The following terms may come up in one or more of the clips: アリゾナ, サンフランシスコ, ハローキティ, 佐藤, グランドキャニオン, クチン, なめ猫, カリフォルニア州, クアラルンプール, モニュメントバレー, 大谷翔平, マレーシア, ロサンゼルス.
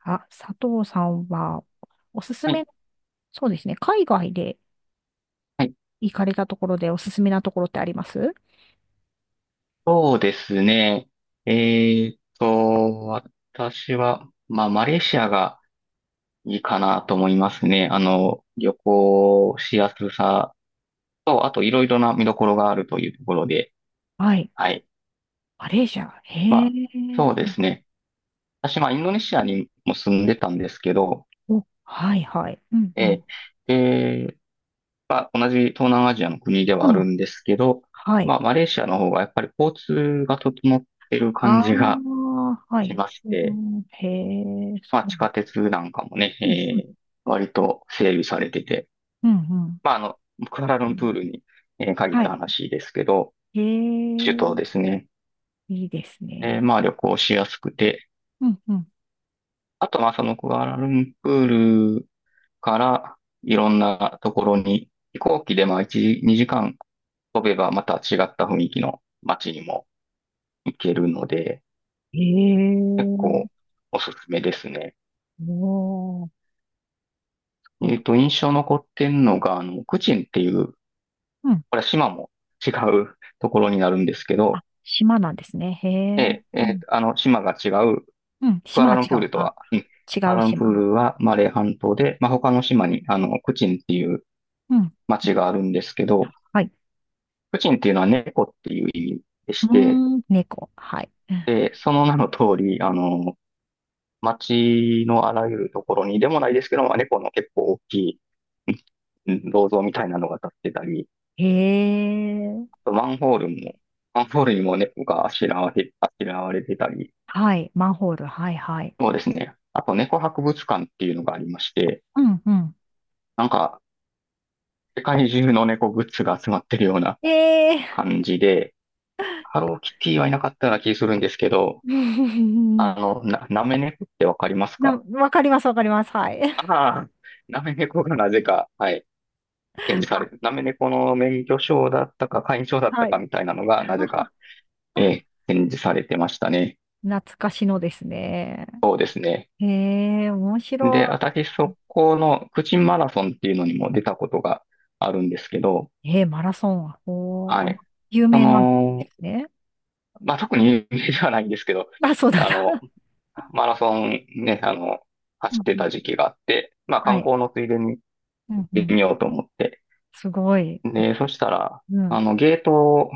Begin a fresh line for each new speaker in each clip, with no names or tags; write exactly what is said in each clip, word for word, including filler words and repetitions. あ、佐藤さんは、おすす
はい、
め、そうですね、海外で
はい
行かれたところでおすすめなところってあります？
そうですね。えーっと、私は、まあ、マレーシアがいいかなと思いますね。あの、旅行しやすさと、あといろいろな見どころがあるというところで、
はい。
はい。
マレーシア。
ま
へえ。
あ、そうですね。私、まあ、インドネシアにも住んでたんですけど、
お、はいはい。うんう
え
ん。
ー、で、まあ、同じ東南アジアの国で
う
はある
ん。
んですけど、
はい。
まあ、マレーシアの方がやっぱり交通が整ってる
あ
感じが
あ、は
し
い。
まし
う
て、
ん、へえ、
まあ、
そう。
地下鉄なんかもね、
うんうん。
えー割と整備されてて、
うんうん。
まあ、あの、クアラルンプールに、えー限っ
は
た
い。
話ですけど、
へ
首
え、
都ですね。
いいです
で、
ね。
まあ、旅行しやすくて、
うんうん。
あと、まあ、そのクアラルンプールからいろんなところに、飛行機でまあ、いち、にじかん飛べばまた違った雰囲気の街にも行けるので、
へ
結
え、
構おすすめですね。
おー、そう
え
だ。
っと、印象残ってんのが、あの、クチンっていう
うん。
これは島も違うところになるんですけ
あ、
ど、
島なんですね。へ
え
え。
え、え
う
ー
ん。
あの、島が違う、
うん。
クア
島
ラ
が
ルン
違
プー
う。
ルと
あ、
は、うん、ク
違
ア
う
ラルンプー
島。
ルはマレー半島で、まあ、他の島に、あの、クチンっていう
うん。
町があるんですけど、
はい。
クチンっていうのは猫っていう意味で
う
して、
ーん。猫。はい。
で、その名の通り、あの、町のあらゆるところにでもないですけど、まあ、猫の結構大きい、うん銅像みたいなのが立ってたり、
へえ。
あとマンホールも、マンホールにも猫があしらわれ、あしらわれてたり、
はい。マンホール。はい、はい。
そうですね。あと、猫博物館っていうのがありまして、
うん、うん。
なんか、世界中の猫グッズが集まってるような
ええ
感じで、ハローキティはいなかったような気するんですけど、あ
ー。
の、な、なめ猫ってわかります
な、
か？
わかります、わかります。はい。
ああ、なめ猫がなぜか、はい、展示され
あ、
て、なめ猫の免許証だったか、会員証だっ
は
たか
い。
みたいなのが、なぜか、ええ 展示されてましたね。
懐かしのですね。
そうですね。
へえ、面白
で、私、そこの、口マラソンっていうのにも出たことがあるんですけど、
い。えー、マラソン。おー、
は
あ、
い。
有
そ
名なんで
の、
すね。
まあ、特に有名ではないんですけど、
あ、そうなん
あ
だ。
の、マラソンね、あの、
う
走っ
ん
て
う
た
ん。
時期があって、まあ、
は
観
い。
光のついでに
う
行っ
んう
て
ん。
みようと思って。
すごい。
で、そしたら、あの、ゲート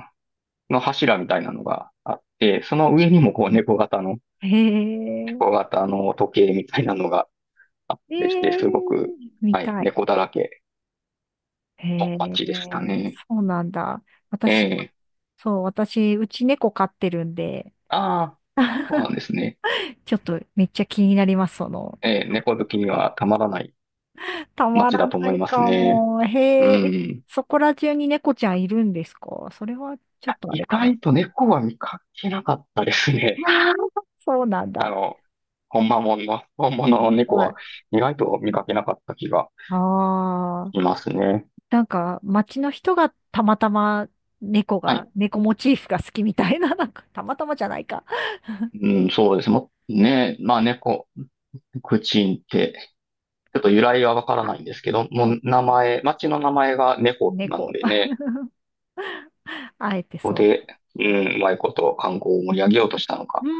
の柱みたいなのがあって、その上にもこう、
うん、
猫型の、
へえ。
猫型の時計みたいなのがあっ
え
てして、
え、
すごく、
見
はい、
たい。
猫だらけ
へ
の
え、
街でしたね。
そうなんだ。
え
私、
え。
そう、私、うち猫飼ってるんで、
ああ、そうな んですね。
ちょっとめっちゃ気になります、その。
ええ、猫好きにはたまらない
たま
街
ら
だと
な
思い
い
ます
か
ね。
も。
う
へえ、
ん。
そこら中に猫ちゃんいるんですか？それはちょっとあ
意
れかな。
外と猫は見かけなかったですね。
そうなん
あ
だ。
の、本間もんの、本物の猫
は
は
い。
意外と見かけなかった気が
ああ、
しますね。
なんか街の人がたまたま猫
はい。
が、猫モチーフが好きみたいな、なんかたまたまじゃないか。
うん、そうです。もう、ね、まあ猫、クチンって、ちょっと由
口、
来はわから
あ、
ないんですけど、も
そっ
う名
か。
前、町の名前が猫なの
猫。
で ね、
あえて
ここ
そうし
で、う
てる。
ん、うまいこと観光を盛り上げようとしたのか、
うー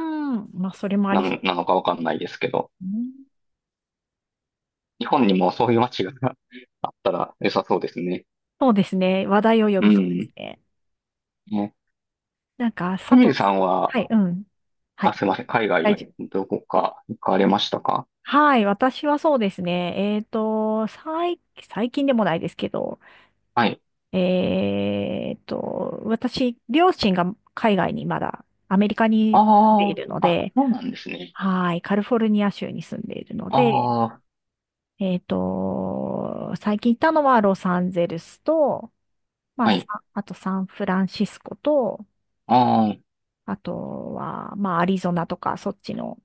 ん。まあ、それもあ
な
りそ
ん、なのかわかんないですけど、
う。うん、
日本にもそういう町が あったら良さそうですね。
そうですね。話題を呼
う
びそうです
ん。
ね。
ね
なんか、佐
ひみ
藤、
りさんは、
はい、うん。は
あ、
い。
すいません、海
大丈
外
夫。
どこか行かれましたか？
はい。私はそうですね。えっと、最、最近でもないですけど、
はい。
えっと、私、両親が海外にまだ、アメリカに住んでい
あ
るの
あ、あ、
で、
そうなんですね。
はい。カリフォルニア州に住んでいるので、
ああ、
えっと、最近行ったのはロサンゼルスと、まあ、
は
さ
い。
あとサンフランシスコと、
ああ、
あとは、まあ、アリゾナとか、そっちの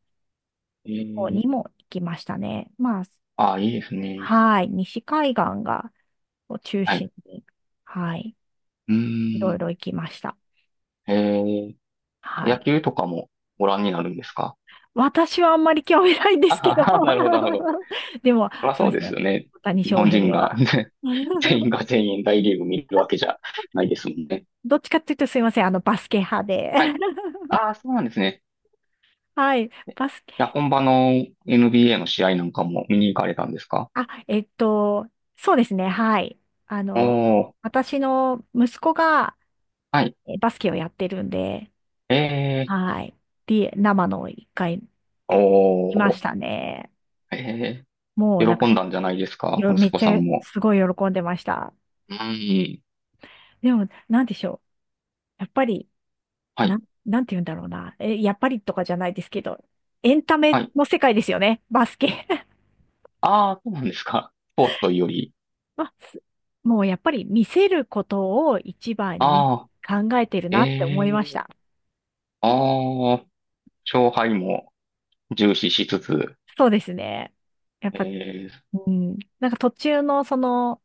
え
方
え、
にも行きましたね。まあ、
ああ、いいですね。
はい、西海岸がを中
はい。
心に、はい、
う
い
ー
ろい
ん、
ろ行きました。
ええ、
は
野
い。
球とかもご覧になるんですか？
私はあんまり興味ないん ですけど。
ああ、なるほど、なるほど。
でも、
まあ
そう
そう
です
です
ね。
よね。
大谷
日
翔
本人
平
が
は。
全員 が全員大リーグ見るわけじゃないですもんね。
どっちかっていうとすいません。あの、バスケ派で。
はい。ああ、そうなんですね。
はい。
い
バス
や、本場の エヌビーエー の試合なんかも見に行かれたんですか？
あ、えっと、そうですね、はい。あの、
おー、
私の息子が
はい。
えバスケをやってるんで、
えー、
はい。で、生の一回いま
お
したね。
ー、え
もうなん
ー、
か、
喜んだんじゃないですか、
よめ
息
っ
子
ち
さ
ゃ
んも。
すごい喜んでました。
うーん、
でも、なんでしょう。やっぱり、
は
な
い、
ん、なんて言うんだろうな。え、やっぱりとかじゃないですけど、エンタメ
はい。
の世界ですよね、バスケ。
ああそうなんですか。スポーツというより。
まあすもうやっぱり見せることを一番に
ああ
考えてるなって思いまし
えー、
た。
ああ勝敗も重視しつつ、
そうですね。やっ
え
ぱ、
ー、
うん、なんか途中のその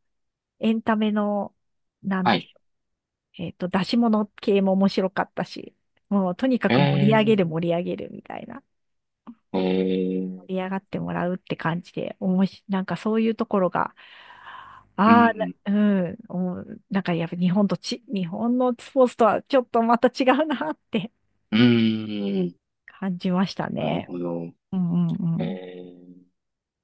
エンタメの、なん
は
で
い。
しょう、えっと、出し物系も面白かったし、もうとにかく盛り上げる
え
盛り上げるみたいな、
ー、え
盛り
ー、
上がってもらうって感じで、おもし、なんかそういうところが、
う
ああ、な
ん、
うん、おなんかやっぱ日本とち、日本のスポーツとはちょっとまた違うなって
うーん、
感じました
なる
ね。
ほど。
うんうんう
え
ん。
ー、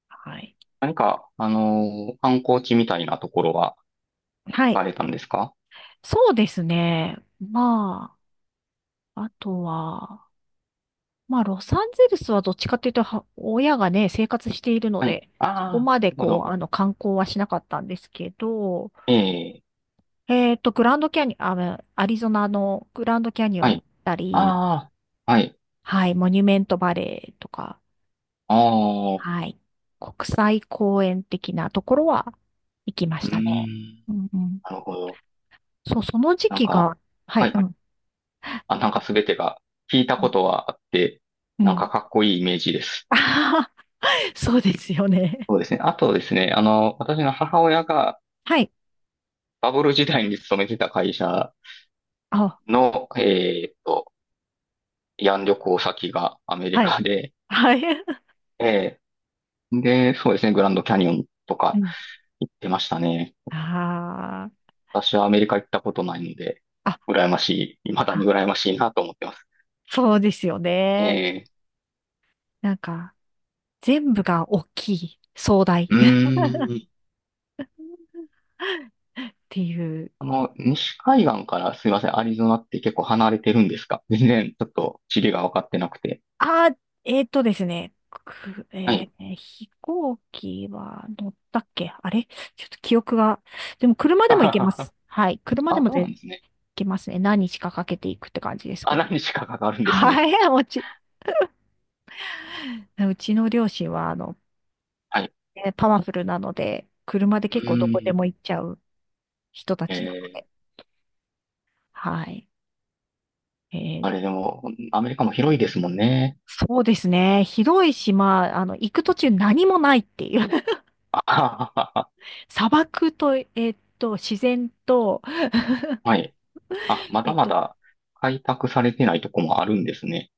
はい。
何か、あのー観光地みたいなところは
は
行
い。
かれたんですか？
そうですね。まあ。あとは、まあ、ロサンゼルスはどっちかっていうと、は親がね、生活しているの
はい。
で、そこ
ああ
ま
な
で
るほ
こう、
ど。
あの、観光はしなかったんですけど、
ええ、
えっと、グランドキャニオン、あ、アリゾナのグランドキャニオ
は
ンに
い。
行ったり、
ああ、はい。
はい、モニュメントバレーとか、
ああ、う
はい、国際公園的なところは行きま
ー
したね。
ん。
うんうん。
なるほど。
そう、その時
なん
期
か、
が、は
は
い、う
い。
ん。
あ、なんか
あ、
すべてが聞いた
うん。
ことはあって、
う
なんか
ん、
かっこいいイメージです。
あはは。 そうですよね。
そうですね。あとですね、あの、私の母親が
はい。
バブル時代に勤めてた会社
あ、
の、えっと、慰安旅行先がアメリ
はい。
カで、
はい。
ええ、で、そうですね、グランドキャニオンと
う
か
ん。
行ってましたね。
あ
私はアメリカ行ったことないので、
あ。あ、
羨ましい、未だに
あ、
羨ましいなと思ってます。
そうですよね。
え
なんか、全部が大きい、壮大
ー、う
っ
ーん。
ていう。
あの、西海岸からすいません、アリゾナって結構離れてるんですか？全然ちょっと地理が分かってなくて。
あ、えっとですね。く
は
え
い。
ー飛行機は乗ったっけあれ？ちょっと記憶が。でも車 で
あは
も行け
は
ま
は
す。はい。車で
あ、
も
そう
で
な
行
んですね。
けますね。何日かかけていくって感じです
あ、
けど。
何日かかかるんです
は
ね。
い。もち、うちの両親は、あの、
はい。
えーパワフルなので、車で
う
結構どこで
ーん。
も行っちゃう。人た
え
ちなので。
ー、
はい。えー、
あれでも、アメリカも広いですもんね。
そうですね。広い島、あの、行く途中何もないっていう。
あははは
砂漠と、えーっと、自然と、
はい。あ、ま
え
だ
っ
ま
と、
だ開拓されてないとこもあるんですね。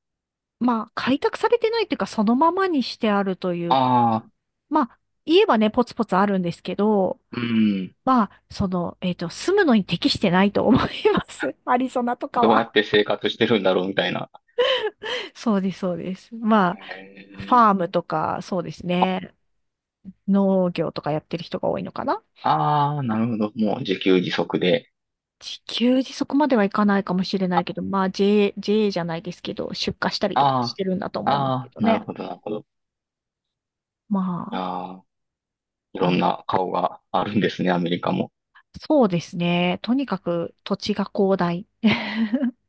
まあ、開拓されてないというか、そのままにしてあるというか、
ああ、
まあ、言えばね、ポツポツあるんですけど、
うん。
まあ、その、えーっと、住むのに適してないと思います。アリゾナとか
どうやっ
は。
て生活してるんだろうみたいな。
そうです、そうです。ま
へ
あ、フ
え。
ァームとか、そうですね。農業とかやってる人が多いのかな？
ああ、なるほど。もう自給自足で。
地球にそこまではいかないかもしれないけど、まあ ジェーエー、ジェーエー じゃないですけど、出荷したりと
あ
かしてるんだと
あ、
思うんで
あ
すけ
あ、
ど
なる
ね。
ほど、なるほど。あ
ま
あ、い
あ、あ
ろん
の、
な顔があるんですね、アメリカも。
そうですね。とにかく土地が広大。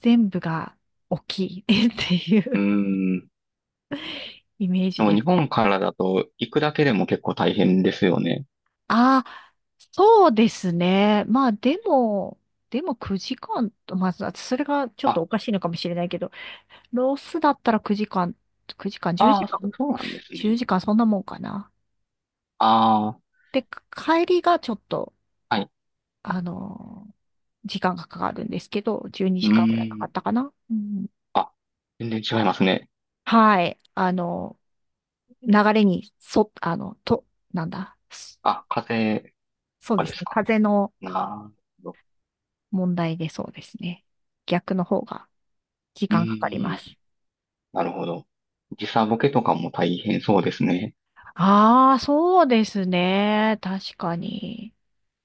全部が大きい ってい
う
う
ーん。
イメージ
でも
で
日
す。
本からだと行くだけでも結構大変ですよね。
ああ、そうですね。まあでも、でもくじかんと、まあ、そそれがちょっと
あ、
おかしいのかもしれないけど、ロースだったらくじかん、くじかん、1
ああ、
時
そ
間、
そうなんです
10
ね。
時間そんなもんかな。
あ
で、帰りがちょっと、
あ、はい。
あのー時間がかかるんですけど、12
う
時間ぐらいか
ー
か
ん。
ったかな。うん、
あ、全然違いますね。
はい。あの、流れに、そ、あの、と、なんだ。そ
あ、風邪
そう
とか
で
で
す
す
ね。
か。
風の
なるほど。
問題でそうですね。逆の方が時
う
間かかり
ー
ま
ん。
す。
なるほど。時差ボケとかも大変そうですね。
ああ、そうですね。確かに。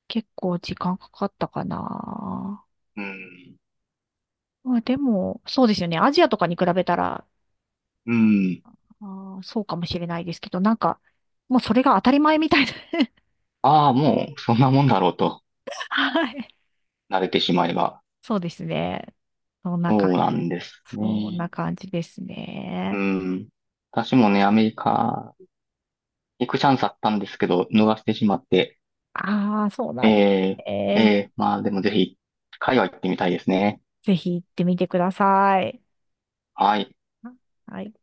結構時間かかったかな。
うーん。
まあでも、そうですよね。アジアとかに比べたら、
うーん。
ああ、そうかもしれないですけど、なんか、もうそれが当たり前みたいな。
ああ、もうそんなもんだろうと、
はい。
慣れてしまえば。
そうですね。そんな感
そうなんです
じ、そん
ね。
な感じです
う
ね。
ん。私もね、アメリカ行くチャンスあったんですけど、逃してしまって。
ああ、そうなんで
え
す
ー、
ね。
えー、まあでもぜひ、海外行ってみたいですね。
ぜひ行ってみてください。
はい。
はい。